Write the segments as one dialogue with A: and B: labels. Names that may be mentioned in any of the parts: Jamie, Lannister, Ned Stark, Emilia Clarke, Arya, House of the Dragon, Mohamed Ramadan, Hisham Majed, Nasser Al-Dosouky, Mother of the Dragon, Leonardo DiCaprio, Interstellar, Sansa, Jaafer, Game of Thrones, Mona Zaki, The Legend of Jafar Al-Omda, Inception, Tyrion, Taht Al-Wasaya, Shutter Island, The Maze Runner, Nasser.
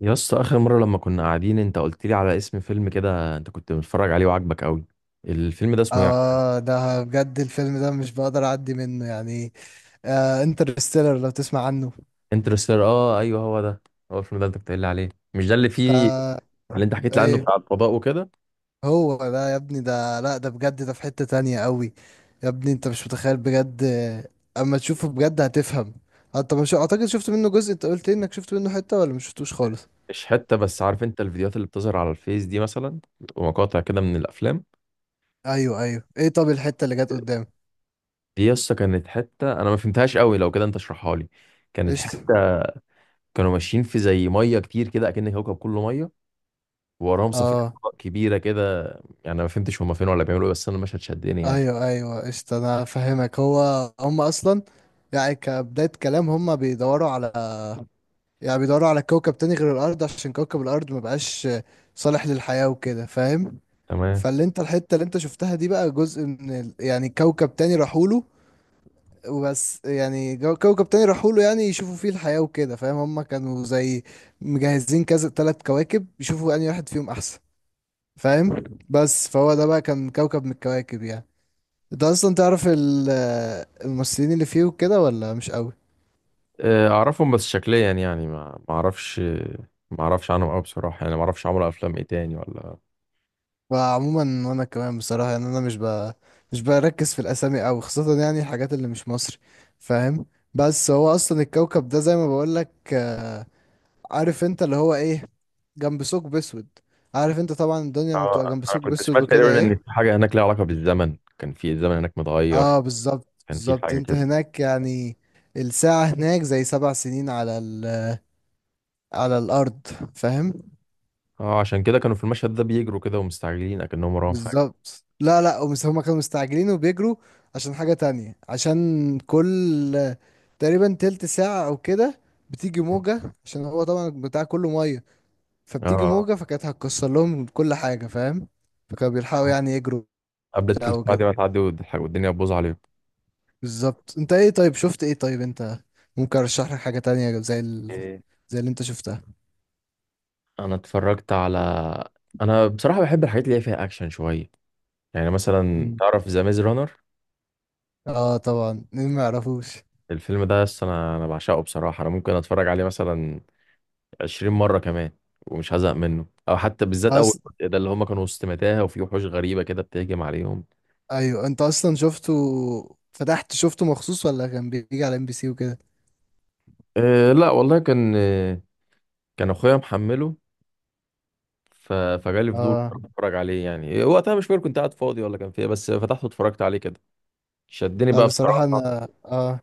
A: يا اسطى، اخر مره لما كنا قاعدين انت قلت لي على اسم فيلم كده انت كنت متفرج عليه وعاجبك قوي. الفيلم ده اسمه ايه؟
B: اه، ده بجد الفيلم ده مش بقدر اعدي منه يعني. انترستيلر لو تسمع عنه.
A: انترستيلر، اه ايوه هو ده. هو الفيلم ده انت كنت قايل لي عليه، مش ده اللي فيه
B: ده
A: اللي انت حكيت لي عنه
B: ايه
A: بتاع الفضاء وكده؟
B: هو ده يا ابني. ده، لا، ده بجد، ده في حتة تانية قوي. يا ابني انت مش متخيل بجد اما تشوفه بجد هتفهم. انت مش اعتقد شفت منه جزء؟ انت قلت لي انك شفت منه حتة ولا مش شفتوش خالص؟
A: مش حته، بس عارف انت الفيديوهات اللي بتظهر على الفيس دي مثلا ومقاطع كده من الافلام؟
B: ايوه ايوه، ايه؟ طب الحتة اللي جت قدام.
A: دي يا اسطى كانت حته انا ما فهمتهاش قوي، لو كده انت اشرحها لي. كانت حته
B: قشطة.
A: كانوا ماشيين في زي ميه كتير كده اكن الكوكب كله ميه، ووراهم سفينه
B: اه،
A: فضاء كبيره كده يعني. أنا ما فهمتش هما فين ولا بيعملوا ايه، بس انا المشهد شدني يعني.
B: ايوه ايوه، قشطة انا فاهمك. هم اصلا يعني كبداية كلام هم بيدوروا على، يعني بيدوروا على كوكب تاني غير الارض، عشان كوكب الارض ما بقاش صالح للحياة وكده، فاهم؟
A: تمام.
B: فاللي انت الحتة اللي انت شفتها دي بقى جزء من يعني كوكب تاني راحوله وبس. يعني كوكب تاني راحوله يعني يشوفوا فيه الحياة وكده، فاهم؟ هما كانوا زي مجهزين كذا 3 كواكب يشوفوا انهي واحد فيهم احسن، فاهم؟ بس فهو ده بقى كان كوكب من الكواكب يعني. انت اصلا تعرف الممثلين اللي فيه وكده ولا مش قوي؟
A: آه، اعرفهم بس شكليا يعني، ما اعرفش. ما اعرفش عنهم قوي بصراحه، يعني ما اعرفش عملوا افلام ايه تاني ولا.
B: فعموما وانا كمان بصراحه يعني انا مش مش بركز في الاسامي قوي، خاصه يعني الحاجات اللي مش مصري، فاهم؟ بس هو اصلا الكوكب ده زي ما بقول لك، عارف انت اللي هو ايه، جنب ثقب اسود. عارف انت طبعا الدنيا لما بتبقى
A: اه،
B: جنب
A: انا
B: ثقب
A: كنت
B: اسود
A: سمعت
B: وكده
A: تقريبا ان في
B: ايه.
A: حاجه هناك ليها علاقه بالزمن، كان في الزمن هناك متغير.
B: اه، بالظبط
A: كان في
B: بالظبط.
A: حاجه
B: انت
A: كده.
B: هناك يعني الساعه هناك زي 7 سنين على على الارض، فاهم؟
A: اه عشان كده كانوا في المشهد ده بيجروا كده ومستعجلين اكنهم وراهم حاجه.
B: بالظبط. لا لا، هما كانوا مستعجلين وبيجروا عشان حاجة تانية، عشان كل تقريبا تلت ساعة أو كده بتيجي موجة، عشان هو طبعا بتاع كله مية، فبتيجي
A: اه،
B: موجة فكانت هتكسر لهم كل حاجة، فاهم؟ فكانوا بيلحقوا يعني يجروا
A: قبل
B: وبتاع
A: التلت ساعه
B: وكده.
A: دي ما تعدي والدنيا تبوظ عليهم.
B: بالظبط. انت ايه طيب، شفت ايه طيب انت؟ ممكن ارشح لك حاجة تانية زي
A: إيه،
B: زي اللي انت شفتها.
A: انا اتفرجت على، انا بصراحه بحب الحاجات اللي هي فيها اكشن شويه. يعني مثلا
B: مم.
A: تعرف ذا ميز رانر؟
B: اه طبعا، مين ما يعرفوش.
A: الفيلم ده اصل انا بعشقه بصراحه. انا ممكن اتفرج عليه مثلا 20 مرة كمان ومش هزهق منه، او حتى بالذات اول
B: أص...
A: جزء ده اللي هما كانوا وسط متاهة وفي وحوش غريبة كده بتهجم عليهم.
B: ايوه، انت اصلا شفته؟ فتحت شفته مخصوص ولا كان بيجي على ام بي سي وكده؟
A: أه لا والله، كان كان اخويا محمله. فجالي فضول
B: اه.
A: اتفرج عليه يعني. وقتها مش فاكر كنت قاعد فاضي ولا كان فيه، بس فتحته اتفرجت عليه كده. شدني
B: لا
A: بقى
B: بصراحة
A: بصراحة.
B: انا اه،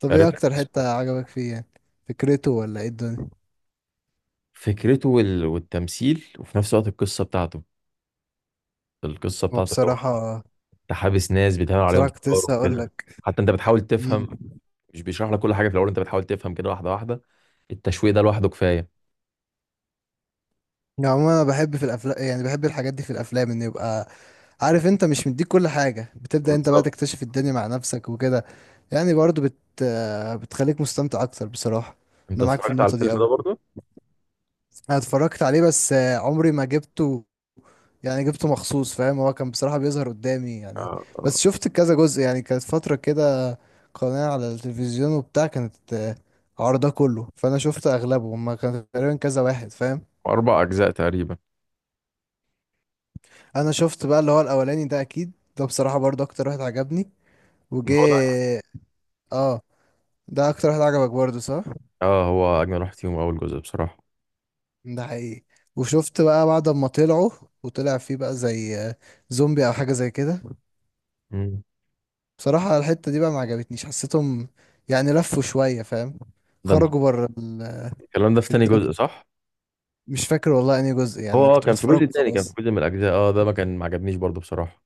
B: طب ايه
A: قريت لك
B: اكتر
A: اسمه.
B: حتة
A: إيه؟
B: عجبك فيه يعني؟ فكرته ولا ايه الدنيا؟
A: فكرته والتمثيل، وفي نفس الوقت القصة بتاعته. القصة
B: هو
A: بتاعته اللي هو
B: بصراحة،
A: انت حابس ناس بيتعمل عليهم
B: كنت لسه
A: تجارب
B: هقول
A: كده.
B: لك.
A: حتى انت بتحاول
B: امم
A: تفهم، مش بيشرح لك كل حاجه في الاول، انت بتحاول تفهم كده واحده واحده. التشويق ده لوحده كفايه.
B: يعني عموما انا بحب في الافلام، يعني بحب الحاجات دي في الافلام ان يبقى عارف انت مش مديك كل حاجة، بتبدأ انت بقى
A: بالظبط.
B: تكتشف الدنيا مع نفسك وكده. يعني برضو بت آه، بتخليك مستمتع اكتر، بصراحة.
A: انت
B: انا معاك في
A: اتفرجت على
B: النقطة
A: الفيلم
B: دي
A: ده
B: قوي.
A: برضه؟
B: انا اتفرجت عليه بس عمري ما جبته يعني. جبته مخصوص، فاهم؟ هو كان بصراحة بيظهر قدامي يعني،
A: آه، آه.
B: بس شفت كذا جزء. يعني كانت فترة كده قناة على التلفزيون وبتاع، كانت عرضه كله. فأنا شفت أغلبه. هما كان تقريبا كذا واحد، فاهم؟
A: أربع أجزاء تقريبا.
B: أنا شفت بقى اللي هو الأولاني ده أكيد. ده بصراحة برضه أكتر واحد عجبني
A: ما هو ده.
B: وجه. اه، ده أكتر واحد عجبك برضه، صح؟
A: اه، هو اجمل واحد فيهم اول جزء بصراحه.
B: ده حقيقي. وشفت بقى بعد ما طلعوا، وطلع فيه بقى زي زومبي أو حاجة زي كده.
A: مم.
B: بصراحة الحتة دي بقى ما عجبتنيش، حسيتهم يعني لفوا شوية، فاهم؟
A: ده انت
B: خرجوا بره
A: الكلام ده في تاني جزء
B: الدنيا.
A: صح؟
B: مش فاكر والله انهي جزء
A: هو
B: يعني،
A: اه
B: كنت
A: كان في
B: بتفرج
A: جزء تاني، كان في
B: وخلاص.
A: جزء من الاجزاء اه ده ما كان ما عجبنيش برضه بصراحه.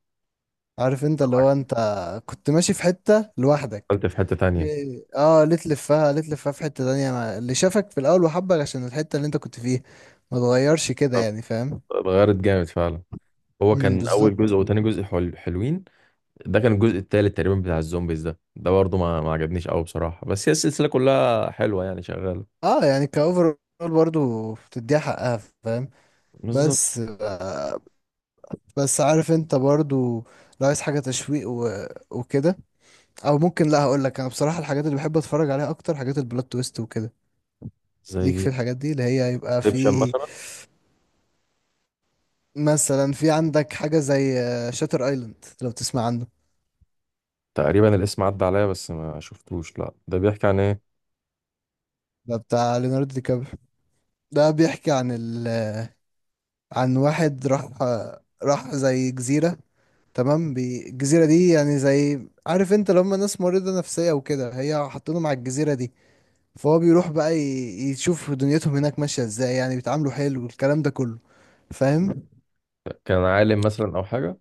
B: عارف انت اللي هو انت كنت ماشي في حتة لوحدك.
A: قلت في حته تانية.
B: ليه تلفها؟ في حتة تانية اللي شافك في الأول وحبك عشان الحتة اللي انت كنت فيها، ما تغيرش كده
A: طب
B: يعني، فاهم؟
A: اتغيرت جامد فعلا. هو
B: امم،
A: كان اول جزء
B: بالظبط.
A: وتاني جزء حلوين. ده كان الجزء التالت تقريبا بتاع الزومبيز ده، ده برضه ما عجبنيش قوي بصراحه. بس هي السلسله كلها حلوه يعني شغاله.
B: اه يعني كأوفر برضو بتديها حقها، فاهم؟
A: بالظبط.
B: بس بس عارف انت برضو لو عايز حاجة تشويق و... وكده، او ممكن، لا هقول لك. انا بصراحه الحاجات اللي بحب اتفرج عليها اكتر حاجات البلوت تويست وكده. ليك في
A: زي
B: الحاجات دي اللي هي يبقى
A: انسبشن
B: في
A: مثلا.
B: مثلا، في عندك حاجه زي شاتر ايلاند لو تسمع عنه.
A: تقريبا الاسم عدى عليا بس ما شفتوش، لا ده بيحكي عن ايه؟
B: ده بتاع ليوناردو دي كابريو. ده بيحكي عن عن واحد راح راح زي جزيره. تمام، الجزيره دي يعني زي عارف انت لما ناس مريضه نفسيه وكده هي حاطينهم على الجزيره دي، فهو بيروح بقى يشوف دنيتهم هناك ماشيه ازاي، يعني بيتعاملوا حلو والكلام ده كله، فاهم؟
A: كان عالم مثلا او حاجه؟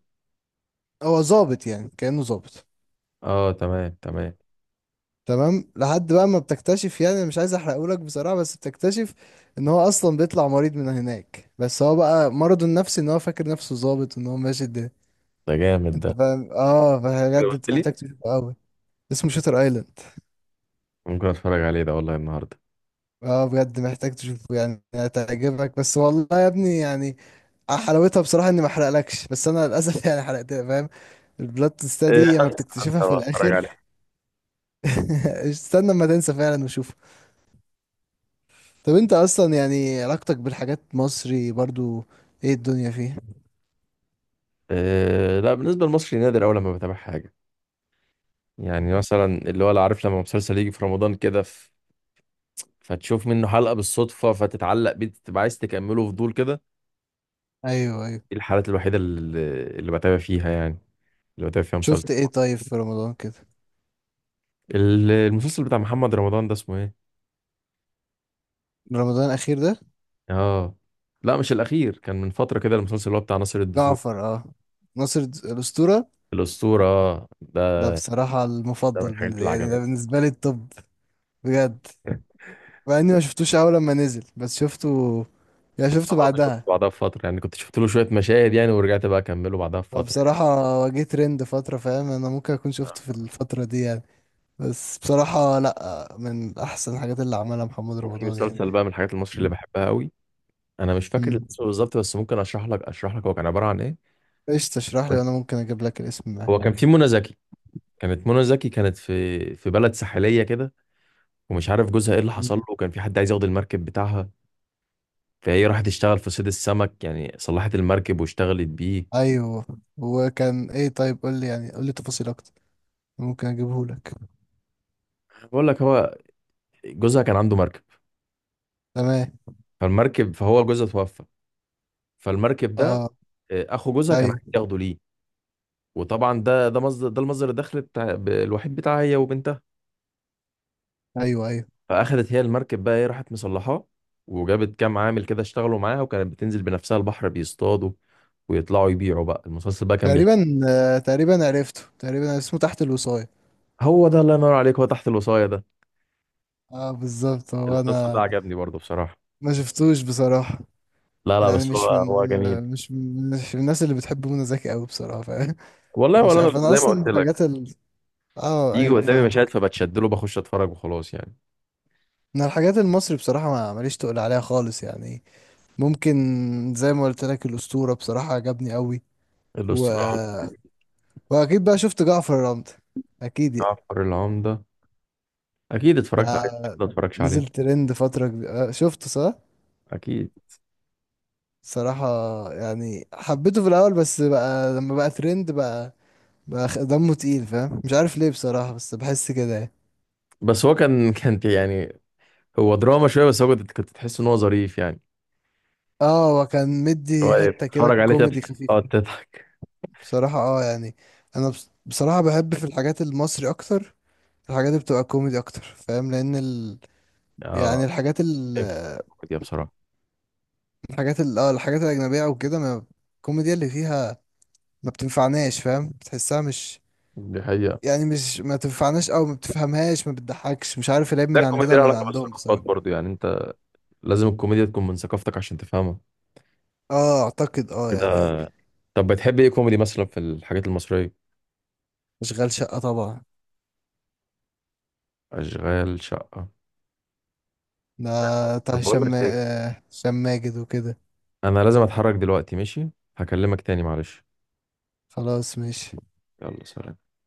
B: هو ظابط يعني كأنه ظابط.
A: اه تمام تمام.
B: تمام لحد بقى ما بتكتشف، يعني أنا مش عايز احرقهولك بصراحة، بس بتكتشف ان هو اصلا بيطلع مريض من هناك، بس هو بقى مرضه النفسي ان هو فاكر نفسه ظابط وان هو ماشي الدنيا.
A: ده جامد
B: انت
A: ده.
B: فاهم؟ اه
A: كده
B: بجد
A: قلت
B: انت محتاج
A: لي.
B: تشوفه قوي. اسمه شوتر ايلاند.
A: ممكن اتفرج عليه ده والله النهارده.
B: اه بجد محتاج تشوفه، يعني هتعجبك. بس والله يا ابني يعني حلاوتها بصراحة اني ما احرقلكش، بس انا للاسف يعني حرقت، فاهم؟ البلاد تيست
A: إيه،
B: دي لما
A: هنسى
B: بتكتشفها
A: هنسى
B: في
A: واتفرج
B: الاخر.
A: عليه.
B: استنى ما تنسى فعلا وشوف. طب انت اصلا يعني علاقتك بالحاجات مصري برضو، ايه الدنيا فيه؟
A: إيه لا، بالنسبه لمصري نادر اول لما بتابع حاجه. يعني مثلا اللي هو لا، عارف لما مسلسل يجي في رمضان كده، فتشوف منه حلقه بالصدفه فتتعلق بيه، تبقى عايز تكمله فضول كده.
B: ايوه ايوه.
A: دي الحالات الوحيده اللي بتابع فيها يعني، اللي بتابع فيها مسلسل.
B: شفت ايه طيب في رمضان كده؟
A: المسلسل بتاع محمد رمضان ده اسمه ايه؟
B: رمضان الاخير ده؟
A: اه لا، مش الاخير، كان من فتره كده، المسلسل اللي هو بتاع ناصر الدسوقي.
B: جعفر، اه. الاسطوره
A: الاسطوره، آه.
B: ده.
A: ده.
B: بصراحه
A: ده من
B: المفضل
A: الحاجات
B: بالنسبه،
A: اللي
B: يعني ده
A: عجبتني.
B: بالنسبه لي الطب. بجد. مع اني ما شفتوش اول لما نزل بس شفته، يعني شفته
A: انا برضه شفت
B: بعدها.
A: بعدها بفتره يعني، كنت شفت له شويه مشاهد يعني، ورجعت بقى اكمله بعدها بفتره يعني.
B: فبصراحة واجهت ترند فترة، فاهم؟ انا ممكن اكون شفته في الفترة دي يعني. بس بصراحة لا، من احسن الحاجات اللي عملها محمد
A: وفي
B: رمضان يعني.
A: مسلسل بقى من الحاجات المصري اللي بحبها قوي، انا مش فاكر
B: مم.
A: الاسم بالظبط، بس ممكن اشرح لك هو كان عباره عن ايه.
B: ايش تشرح لي
A: كنت-
B: وانا ممكن اجيب لك الاسم معاك.
A: هو كان في منى زكي. كانت منى زكي كانت في بلد ساحليه كده، ومش عارف جوزها ايه اللي حصل
B: مم.
A: له، وكان في حد عايز ياخد المركب بتاعها. فهي راحت تشتغل في صيد السمك يعني، صلحت المركب واشتغلت بيه.
B: ايوه. وكان ايه طيب؟ قول لي، يعني قول لي تفاصيل اكتر، ممكن اجيبه لك.
A: بقول لك، هو جوزها كان عنده مركب.
B: تمام.
A: فالمركب، فهو جوزها توفى، فالمركب ده
B: اه.
A: آه، اخو جوزها كان
B: ايوه
A: عايز ياخده ليه. وطبعا ده مصدر، ده المصدر الدخل بتاع الوحيد بتاعها هي وبنتها.
B: ايوه ايوه.
A: فاخدت هي المركب بقى، ايه، راحت مصلحاه، وجابت كام عامل كده اشتغلوا معاها، وكانت بتنزل بنفسها البحر بيصطادوا ويطلعوا يبيعوا. بقى المسلسل بقى كان بيحكي.
B: تقريبا، آه تقريبا عرفته. تقريبا اسمه تحت الوصاية.
A: هو ده، الله ينور عليك، هو تحت الوصاية ده.
B: اه بالظبط، هو
A: المسلسل ده
B: انا
A: عجبني برضه بصراحة.
B: ما شفتوش بصراحة.
A: لا لا،
B: يعني
A: بس هو
B: مش من،
A: هو جميل.
B: مش من الناس اللي بتحب منى زكي قوي، بصراحة، فاهم؟
A: والله
B: مش
A: ولا انا
B: عارف انا
A: زي ما
B: اصلا
A: قلت
B: الحاجات
A: لك،
B: اه
A: يجي
B: ايوه
A: قدامي مشاهد
B: فاهمك.
A: فبتشدله، بخش اتفرج وخلاص يعني.
B: انا الحاجات المصري بصراحة ما ماليش تقول عليها خالص يعني. ممكن، زي ما قلت لك الأسطورة بصراحة عجبني قوي، و...
A: الاسطوره.
B: وأكيد بقى شفت جعفر العمدة، أكيد يعني.
A: جعفر العمده. اكيد
B: ده
A: اتفرجت عليه، أكيد ما اتفرجش عليه
B: نزل ترند فترة كبيرة شفته صح؟
A: اكيد.
B: صراحة يعني حبيته في الأول، بس بقى لما بقى ترند بقى دمه تقيل، فاهم؟ مش عارف ليه بصراحة بس بحس كده يعني.
A: بس هو كان، كان يعني، هو دراما شويه، بس هو كنت كنت تحس ان هو ظريف يعني.
B: اه وكان مدي
A: هو اللي
B: حتة كده
A: تتفرج عليه
B: كوميدي
A: تضحك.
B: خفيف.
A: اه تضحك.
B: بصراحة اه يعني أنا بصراحة بحب في الحاجات المصري أكتر، الحاجات اللي بتبقى كوميدي أكتر، فاهم؟ لأن يعني
A: اه
B: الحاجات،
A: فهمت. الكوميديا بصراحه.
B: الحاجات ال اه الحاجات الأجنبية أو كده، ما الكوميديا اللي فيها ما بتنفعناش، فاهم؟ بتحسها مش،
A: دي حقيقه.
B: يعني مش ما تنفعناش أو ما بتفهمهاش، ما بتضحكش، مش عارف العيب
A: ده
B: من عندنا
A: الكوميديا لها
B: ولا من
A: علاقه
B: عندهم
A: بالثقافات
B: بصراحة.
A: برضو، يعني انت لازم الكوميديا تكون من ثقافتك عشان تفهمها.
B: اه أعتقد، اه
A: ده
B: يعني.
A: طب بتحب ايه كوميدي مثلا في الحاجات المصريه؟
B: أشغال شقة طبعا.
A: اشغال شقه.
B: ده بتاع
A: طب
B: هشام
A: بقول لك،
B: هشام ماجد وكده.
A: انا لازم اتحرك دلوقتي ماشي؟ هكلمك تاني معلش.
B: خلاص ماشي.
A: يلا سلام.